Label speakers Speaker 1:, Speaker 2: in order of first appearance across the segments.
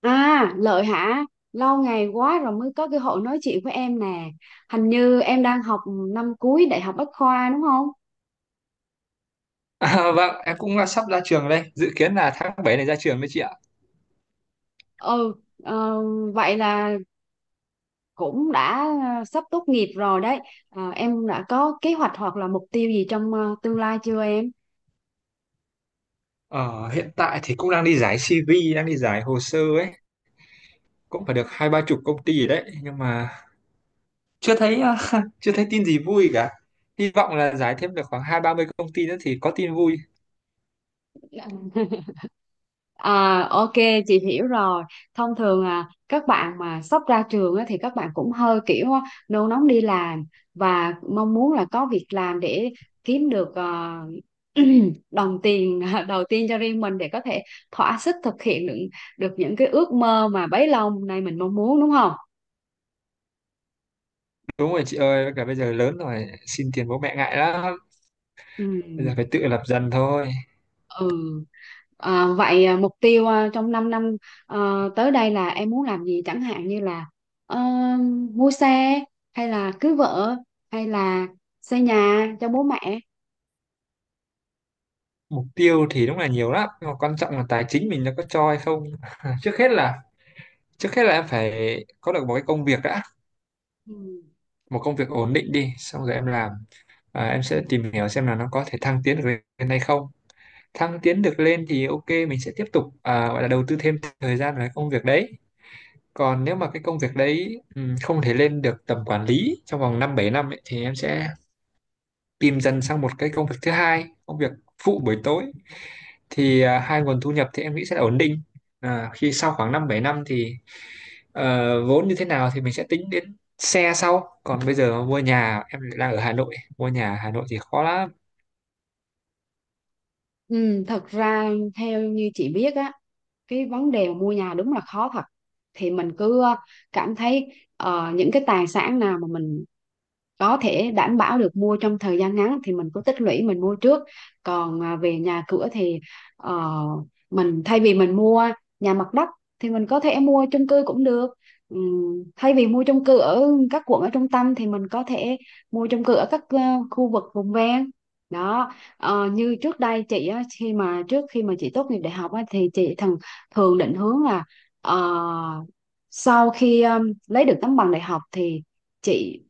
Speaker 1: À, Lợi hả? Lâu ngày quá rồi mới có cơ hội nói chuyện với em nè. Hình như em đang học năm cuối Đại học Bách khoa đúng không?
Speaker 2: Vâng, em cũng sắp ra trường đây, dự kiến là tháng 7 này ra trường đấy chị ạ.
Speaker 1: Ừ, ờ, vậy là cũng đã sắp tốt nghiệp rồi đấy. Ờ, em đã có kế hoạch hoặc là mục tiêu gì trong tương lai chưa em?
Speaker 2: Ờ, hiện tại thì cũng đang đi giải CV, đang đi giải hồ sơ ấy, cũng phải được 20-30 công ty rồi đấy, nhưng mà chưa thấy à, chưa thấy tin gì vui cả. Hy vọng là giải thêm được khoảng 20-30 công ty nữa thì có tin vui.
Speaker 1: À, ok, chị hiểu rồi. Thông thường các bạn mà sắp ra trường á, thì các bạn cũng hơi kiểu nôn nóng đi làm và mong muốn là có việc làm để kiếm được đồng tiền đầu tiên cho riêng mình để có thể thỏa sức thực hiện được những cái ước mơ mà bấy lâu nay mình mong muốn, đúng không?
Speaker 2: Đúng rồi chị ơi, với cả bây giờ lớn rồi, xin tiền bố mẹ ngại lắm,
Speaker 1: Ừ.
Speaker 2: bây giờ phải tự lập dần thôi.
Speaker 1: Ừ. À, vậy mục tiêu trong 5 năm à, tới đây là em muốn làm gì, chẳng hạn như là ờ, mua xe, hay là cưới vợ, hay là xây nhà cho bố mẹ.
Speaker 2: Mục tiêu thì đúng là nhiều lắm, nhưng mà quan trọng là tài chính mình nó có cho hay không. Trước hết là trước hết là em phải có được một cái công việc đã,
Speaker 1: Ừ.
Speaker 2: một công việc ổn định đi xong rồi em làm, em sẽ
Speaker 1: Ừ.
Speaker 2: tìm hiểu xem là nó có thể thăng tiến được lên hay không. Thăng tiến được lên thì ok, mình sẽ tiếp tục, gọi là đầu tư thêm thời gian vào cái công việc đấy. Còn nếu mà cái công việc đấy không thể lên được tầm quản lý trong vòng 5-7 năm ấy, thì em sẽ tìm dần sang một cái công việc thứ hai, công việc phụ buổi tối, thì hai nguồn thu nhập thì em nghĩ sẽ là ổn định khi sau khoảng 5-7 năm thì. Ờ, vốn như thế nào thì mình sẽ tính đến xe sau, còn bây giờ mua nhà, em lại đang ở Hà Nội, mua nhà ở Hà Nội thì khó lắm.
Speaker 1: Ừ, thật ra theo như chị biết á, cái vấn đề mà mua nhà đúng là khó thật. Thì mình cứ cảm thấy những cái tài sản nào mà mình có thể đảm bảo được mua trong thời gian ngắn thì mình cứ tích lũy mình mua trước, còn về nhà cửa thì ờ, mình thay vì mình mua nhà mặt đất thì mình có thể mua chung cư cũng được. Thay vì mua chung cư ở các quận ở trung tâm thì mình có thể mua chung cư ở các khu vực vùng ven đó. Ờ, như trước đây chị á, khi mà trước khi mà chị tốt nghiệp đại học á, thì chị thường thường định hướng là ờ, sau khi lấy được tấm bằng đại học thì chị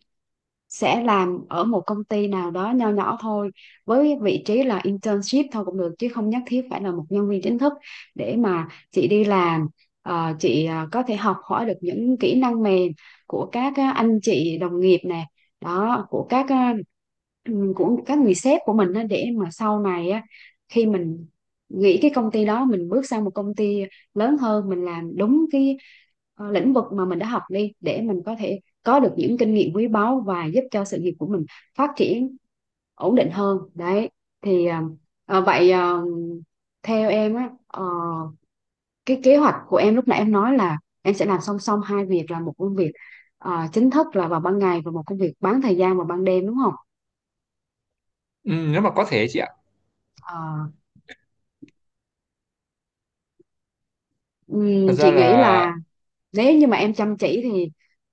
Speaker 1: sẽ làm ở một công ty nào đó nho nhỏ thôi, với vị trí là internship thôi cũng được chứ không nhất thiết phải là một nhân viên chính thức, để mà chị đi làm chị có thể học hỏi được những kỹ năng mềm của các anh chị đồng nghiệp nè, đó của các của các người sếp của mình á, để mà sau này á, khi mình nghỉ cái công ty đó mình bước sang một công ty lớn hơn, mình làm đúng cái lĩnh vực mà mình đã học đi, để mình có thể có được những kinh nghiệm quý báu và giúp cho sự nghiệp của mình phát triển ổn định hơn đấy. Thì ờ, vậy ờ, theo em á, cái kế hoạch của em lúc nãy em nói là em sẽ làm song song hai việc, là một công việc chính thức là vào ban ngày và một công việc bán thời gian vào ban đêm, đúng không?
Speaker 2: Ừ, nếu mà có thể chị ạ.
Speaker 1: Ờ,
Speaker 2: Thật ra
Speaker 1: chị nghĩ
Speaker 2: là
Speaker 1: là nếu như mà em chăm chỉ thì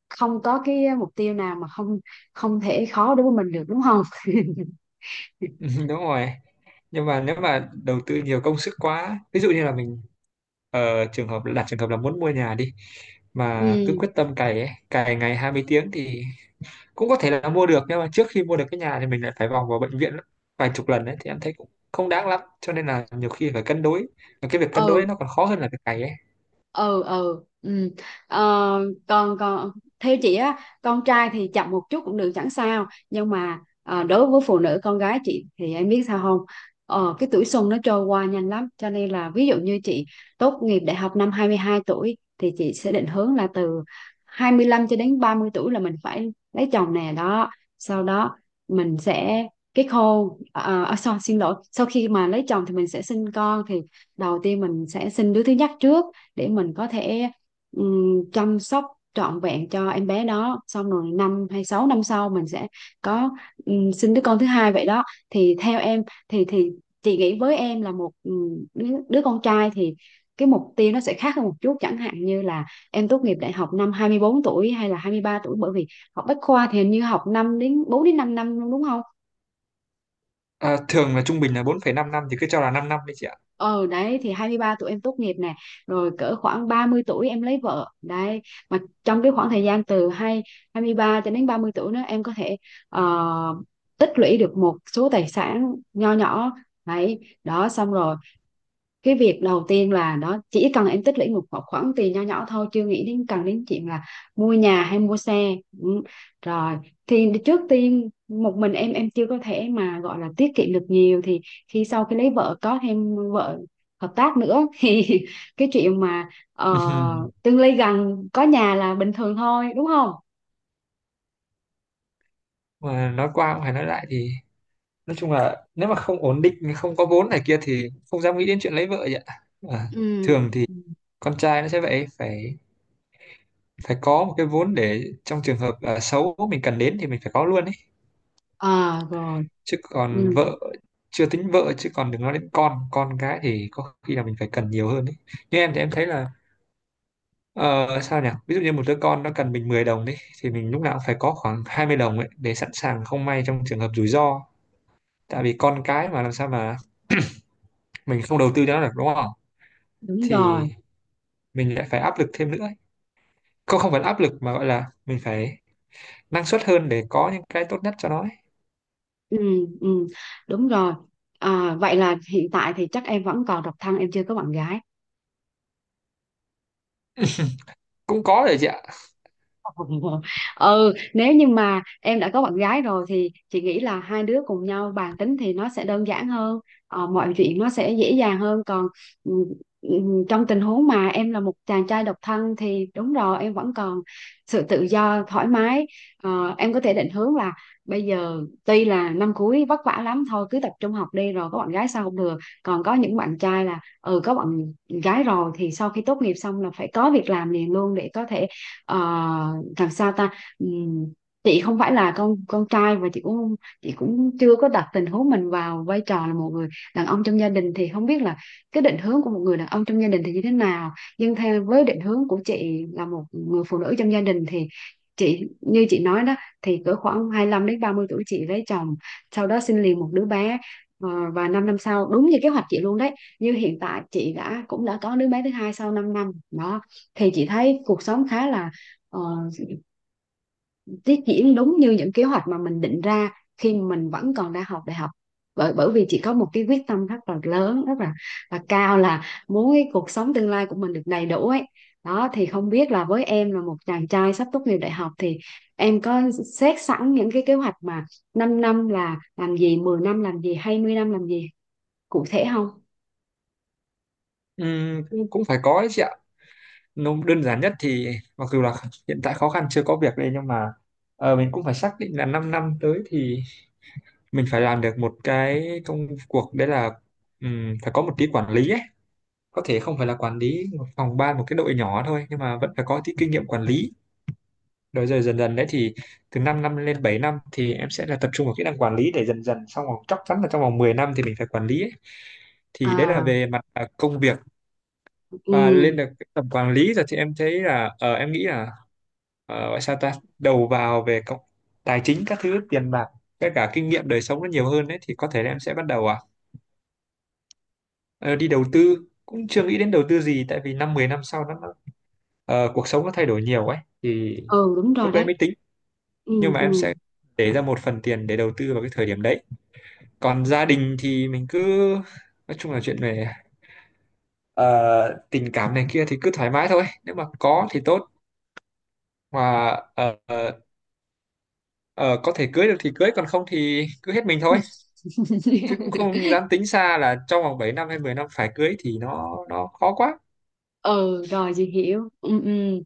Speaker 1: không có cái mục tiêu nào mà không không thể khó đối với mình được, đúng không?
Speaker 2: đúng rồi, nhưng mà nếu mà đầu tư nhiều công sức quá, ví dụ như là mình trường hợp đặt trường hợp là muốn mua nhà đi, mà cứ quyết
Speaker 1: Ừ,
Speaker 2: tâm cày ấy, cày ngày 20 tiếng thì cũng có thể là mua được, nhưng mà trước khi mua được cái nhà thì mình lại phải vòng vào bệnh viện vài chục lần ấy thì em thấy cũng không đáng lắm, cho nên là nhiều khi phải cân đối, và cái việc cân
Speaker 1: ừ,
Speaker 2: đối nó còn khó hơn là cái cày ấy.
Speaker 1: ừ, ừ, ừ. Ờ, còn còn theo chị á, con trai thì chậm một chút cũng được, chẳng sao, nhưng mà đối với phụ nữ con gái chị thì em biết sao không? Ờ, cái tuổi xuân nó trôi qua nhanh lắm, cho nên là ví dụ như chị tốt nghiệp đại học năm 22 tuổi thì chị sẽ định hướng là từ 25 cho đến 30 tuổi là mình phải lấy chồng nè đó, sau đó mình sẽ kết hôn. Sorry, xin lỗi, sau khi mà lấy chồng thì mình sẽ sinh con. Thì đầu tiên mình sẽ sinh đứa thứ nhất trước, để mình có thể chăm sóc trọn vẹn cho em bé đó, xong rồi năm hay sáu năm sau mình sẽ có sinh đứa con thứ hai vậy đó. Thì theo em thì chị nghĩ với em là một đứa con trai thì cái mục tiêu nó sẽ khác hơn một chút, chẳng hạn như là em tốt nghiệp đại học năm 24 tuổi hay là 23 tuổi, bởi vì học bách khoa thì hình như học 5 đến 4 đến 5 năm, đúng không?
Speaker 2: À, thường là trung bình là 4,5 năm, thì cứ cho là 5 năm đi chị ạ.
Speaker 1: Ờ đấy, thì 23 tuổi em tốt nghiệp nè, rồi cỡ khoảng 30 tuổi em lấy vợ đấy. Mà trong cái khoảng thời gian từ 23 cho đến 30 tuổi nữa em có thể ờ, tích lũy được một số tài sản nho nhỏ đấy đó, xong rồi cái việc đầu tiên là nó chỉ cần em tích lũy một khoản khoản tiền nho nhỏ thôi, chưa nghĩ đến cần đến chuyện là mua nhà hay mua xe. Ừ. Rồi thì trước tiên một mình em chưa có thể mà gọi là tiết kiệm được nhiều, thì khi sau khi lấy vợ có thêm vợ hợp tác nữa thì cái chuyện mà
Speaker 2: Ừm.
Speaker 1: tương lai gần có nhà là bình thường thôi, đúng không?
Speaker 2: Mà nói qua cũng phải nói lại thì nói chung là nếu mà không ổn định, không có vốn này kia thì không dám nghĩ đến chuyện lấy vợ vậy ạ. À,
Speaker 1: Ừ.
Speaker 2: thường thì con trai nó sẽ vậy, phải phải có một cái vốn để trong trường hợp xấu mình cần đến thì mình phải có luôn ấy.
Speaker 1: À rồi.
Speaker 2: Chứ còn
Speaker 1: Ừ.
Speaker 2: vợ, chưa tính vợ, chứ còn đừng nói đến con cái thì có khi là mình phải cần nhiều hơn ấy. Nhưng em thì em thấy là, ờ, sao nhỉ? Ví dụ như một đứa con nó cần mình 10 đồng đi thì mình lúc nào cũng phải có khoảng 20 đồng ấy để sẵn sàng không may trong trường hợp rủi ro. Tại vì con cái mà làm sao mà mình không đầu tư cho nó được, đúng không?
Speaker 1: Đúng
Speaker 2: Thì
Speaker 1: rồi.
Speaker 2: mình lại phải áp lực thêm nữa ấy. Không, không phải là áp lực mà gọi là mình phải năng suất hơn để có những cái tốt nhất cho nó ấy.
Speaker 1: Ừ, ừ, đúng rồi. À, vậy là hiện tại thì chắc em vẫn còn độc thân, em chưa có bạn gái.
Speaker 2: Cũng có đấy chị ạ.
Speaker 1: Ừ, nếu như mà em đã có bạn gái rồi thì chị nghĩ là hai đứa cùng nhau bàn tính thì nó sẽ đơn giản hơn, mọi chuyện nó sẽ dễ dàng hơn, còn ừ, ừ, trong tình huống mà em là một chàng trai độc thân thì đúng rồi, em vẫn còn sự tự do thoải mái. Ờ, em có thể định hướng là bây giờ tuy là năm cuối vất vả lắm, thôi cứ tập trung học đi, rồi có bạn gái sao không được. Còn có những bạn trai là ừ, có bạn gái rồi thì sau khi tốt nghiệp xong là phải có việc làm liền luôn để có thể ờ, làm sao ta. Ừm, chị không phải là con trai, và chị cũng không- chị cũng chưa có đặt tình huống mình vào vai trò là một người đàn ông trong gia đình, thì không biết là cái định hướng của một người đàn ông trong gia đình thì như thế nào. Nhưng theo với định hướng của chị là một người phụ nữ trong gia đình thì chị như chị nói đó, thì cỡ khoảng hai lăm đến 30 tuổi chị lấy chồng, sau đó sinh liền một đứa bé. Ờ, và 5 năm sau đúng như kế hoạch chị luôn đấy, như hiện tại chị đã cũng đã có đứa bé thứ hai sau 5 năm đó, thì chị thấy cuộc sống khá là ờ, tiết diễn đúng như những kế hoạch mà mình định ra khi mình vẫn còn đang học đại học, bởi bởi vì chị có một cái quyết tâm rất là lớn, là cao, là muốn cái cuộc sống tương lai của mình được đầy đủ ấy đó. Thì không biết là với em là một chàng trai sắp tốt nghiệp đại học thì em có xét sẵn những cái kế hoạch mà 5 năm là làm gì, 10 năm làm gì, hai mươi năm làm gì cụ thể không?
Speaker 2: Cũng cũng phải có đấy chị ạ. Nó đơn giản nhất thì mặc dù là hiện tại khó khăn chưa có việc đây, nhưng mà mình cũng phải xác định là 5 năm năm tới thì mình phải làm được một cái công cuộc đấy là, phải có một tí quản lý ấy, có thể không phải là quản lý một phòng ban, một cái đội nhỏ thôi nhưng mà vẫn phải có tí kinh nghiệm quản lý. Rồi rồi dần dần đấy thì từ 5 năm lên bảy năm thì em sẽ là tập trung vào kỹ năng quản lý để dần dần, xong rồi chắc chắn là trong vòng 10 năm thì mình phải quản lý ấy. Thì đấy là
Speaker 1: À,
Speaker 2: về mặt công việc, và
Speaker 1: ừ,
Speaker 2: lên được cái tầm quản lý rồi thì em thấy là, ờ, em nghĩ là, ờ, gọi sao ta đầu vào về công, tài chính các thứ tiền bạc, tất cả kinh nghiệm đời sống nó nhiều hơn đấy thì có thể là em sẽ bắt đầu. Ờ, đi đầu tư, cũng chưa nghĩ đến đầu tư gì tại vì 5-10 năm sau nó cuộc sống nó thay đổi nhiều ấy thì
Speaker 1: ừ, đúng rồi
Speaker 2: lúc đấy
Speaker 1: đấy.
Speaker 2: mới tính.
Speaker 1: Ừ,
Speaker 2: Nhưng mà
Speaker 1: ừ.
Speaker 2: em sẽ để ra một phần tiền để đầu tư vào cái thời điểm đấy. Còn gia đình thì mình cứ, nói chung là chuyện về ờ, tình cảm này kia thì cứ thoải mái thôi, nếu mà có thì tốt, mà ờ, ờ, ờ, có thể cưới được thì cưới, còn không thì cứ hết mình thôi, chứ cũng không dám tính xa là trong vòng 7 năm hay 10 năm phải cưới thì nó khó quá.
Speaker 1: Ừ, rồi chị hiểu, ừ, ừ.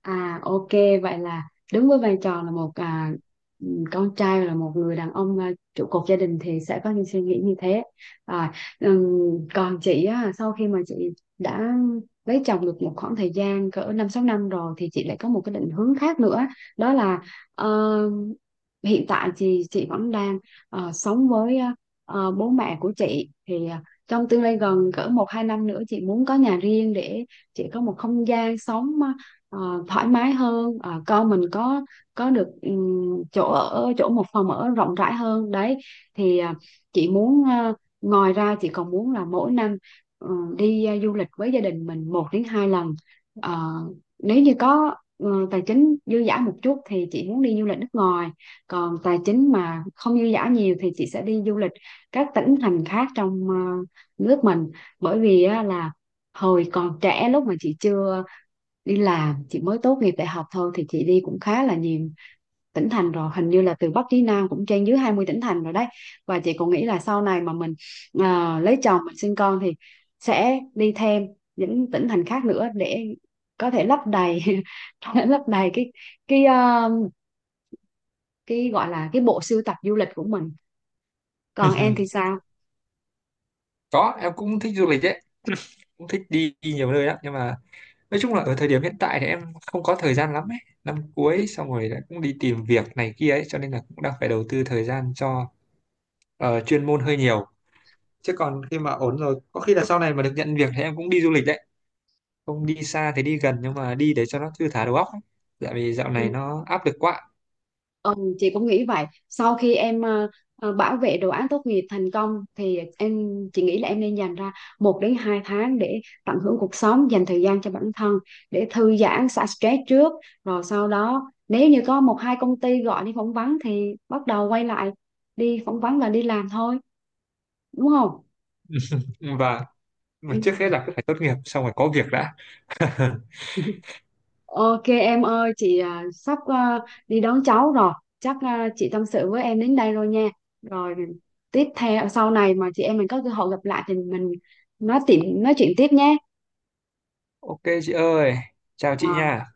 Speaker 1: À, ok, vậy là đứng với vai trò là một con trai, là một người đàn ông trụ cột gia đình, thì sẽ có những suy nghĩ như thế. Rồi, ừm, còn chị á, sau khi mà chị đã lấy chồng được một khoảng thời gian cỡ năm sáu năm rồi thì chị lại có một cái định hướng khác nữa, đó là ờ, hiện tại thì chị vẫn đang sống với bố mẹ của chị, thì trong tương lai gần cỡ một hai năm nữa chị muốn có nhà riêng, để chị có một không gian sống thoải mái hơn. Ờ, con mình có được chỗ ở, chỗ một phòng ở rộng rãi hơn đấy. Thì chị muốn ngoài ra chị còn muốn là mỗi năm ừ, đi du lịch với gia đình mình một đến hai lần. Ờ, nếu như có ừ, tài chính dư dả một chút thì chị muốn đi du lịch nước ngoài, còn tài chính mà không dư dả nhiều thì chị sẽ đi du lịch các tỉnh thành khác trong nước mình. Bởi vì á, là hồi còn trẻ lúc mà chị chưa đi làm, chị mới tốt nghiệp đại học thôi thì chị đi cũng khá là nhiều tỉnh thành rồi, hình như là từ Bắc chí Nam cũng trên dưới 20 tỉnh thành rồi đấy. Và chị cũng nghĩ là sau này mà mình lấy chồng, mình sinh con thì sẽ đi thêm những tỉnh thành khác nữa để có thể lấp đầy lấp đầy cái ờ, cái gọi là cái bộ sưu tập du lịch của mình. Còn em thì sao?
Speaker 2: Có em cũng thích du lịch đấy, cũng thích đi, đi nhiều nơi lắm, nhưng mà nói chung là ở thời điểm hiện tại thì em không có thời gian lắm ấy, năm
Speaker 1: Ừ.
Speaker 2: cuối xong rồi lại cũng đi tìm việc này kia ấy cho nên là cũng đang phải đầu tư thời gian cho chuyên môn hơi nhiều. Chứ còn khi mà ổn rồi, có khi là sau này mà được nhận việc thì em cũng đi du lịch đấy, không đi xa thì đi gần, nhưng mà đi để cho nó thư thả đầu óc ấy. Tại vì dạo
Speaker 1: Ừ.
Speaker 2: này nó áp lực quá.
Speaker 1: Ừ, chị cũng nghĩ vậy. Sau khi em bảo vệ đồ án tốt nghiệp thành công thì chị nghĩ là em nên dành ra một đến hai tháng để tận hưởng cuộc sống, dành thời gian cho bản thân, để thư giãn, xả stress trước. Rồi sau đó nếu như có một hai công ty gọi đi phỏng vấn thì bắt đầu quay lại đi phỏng vấn và đi làm thôi, đúng không?
Speaker 2: Và mà
Speaker 1: Ừ.
Speaker 2: trước hết là cứ phải tốt nghiệp xong rồi có việc đã.
Speaker 1: Ok em ơi, chị sắp đi đón cháu rồi. Chắc chị tâm sự với em đến đây rồi nha. Rồi tiếp theo sau này mà chị em mình có cơ hội gặp lại thì mình nói chuyện tiếp nhé.
Speaker 2: Ok chị ơi, chào chị nha.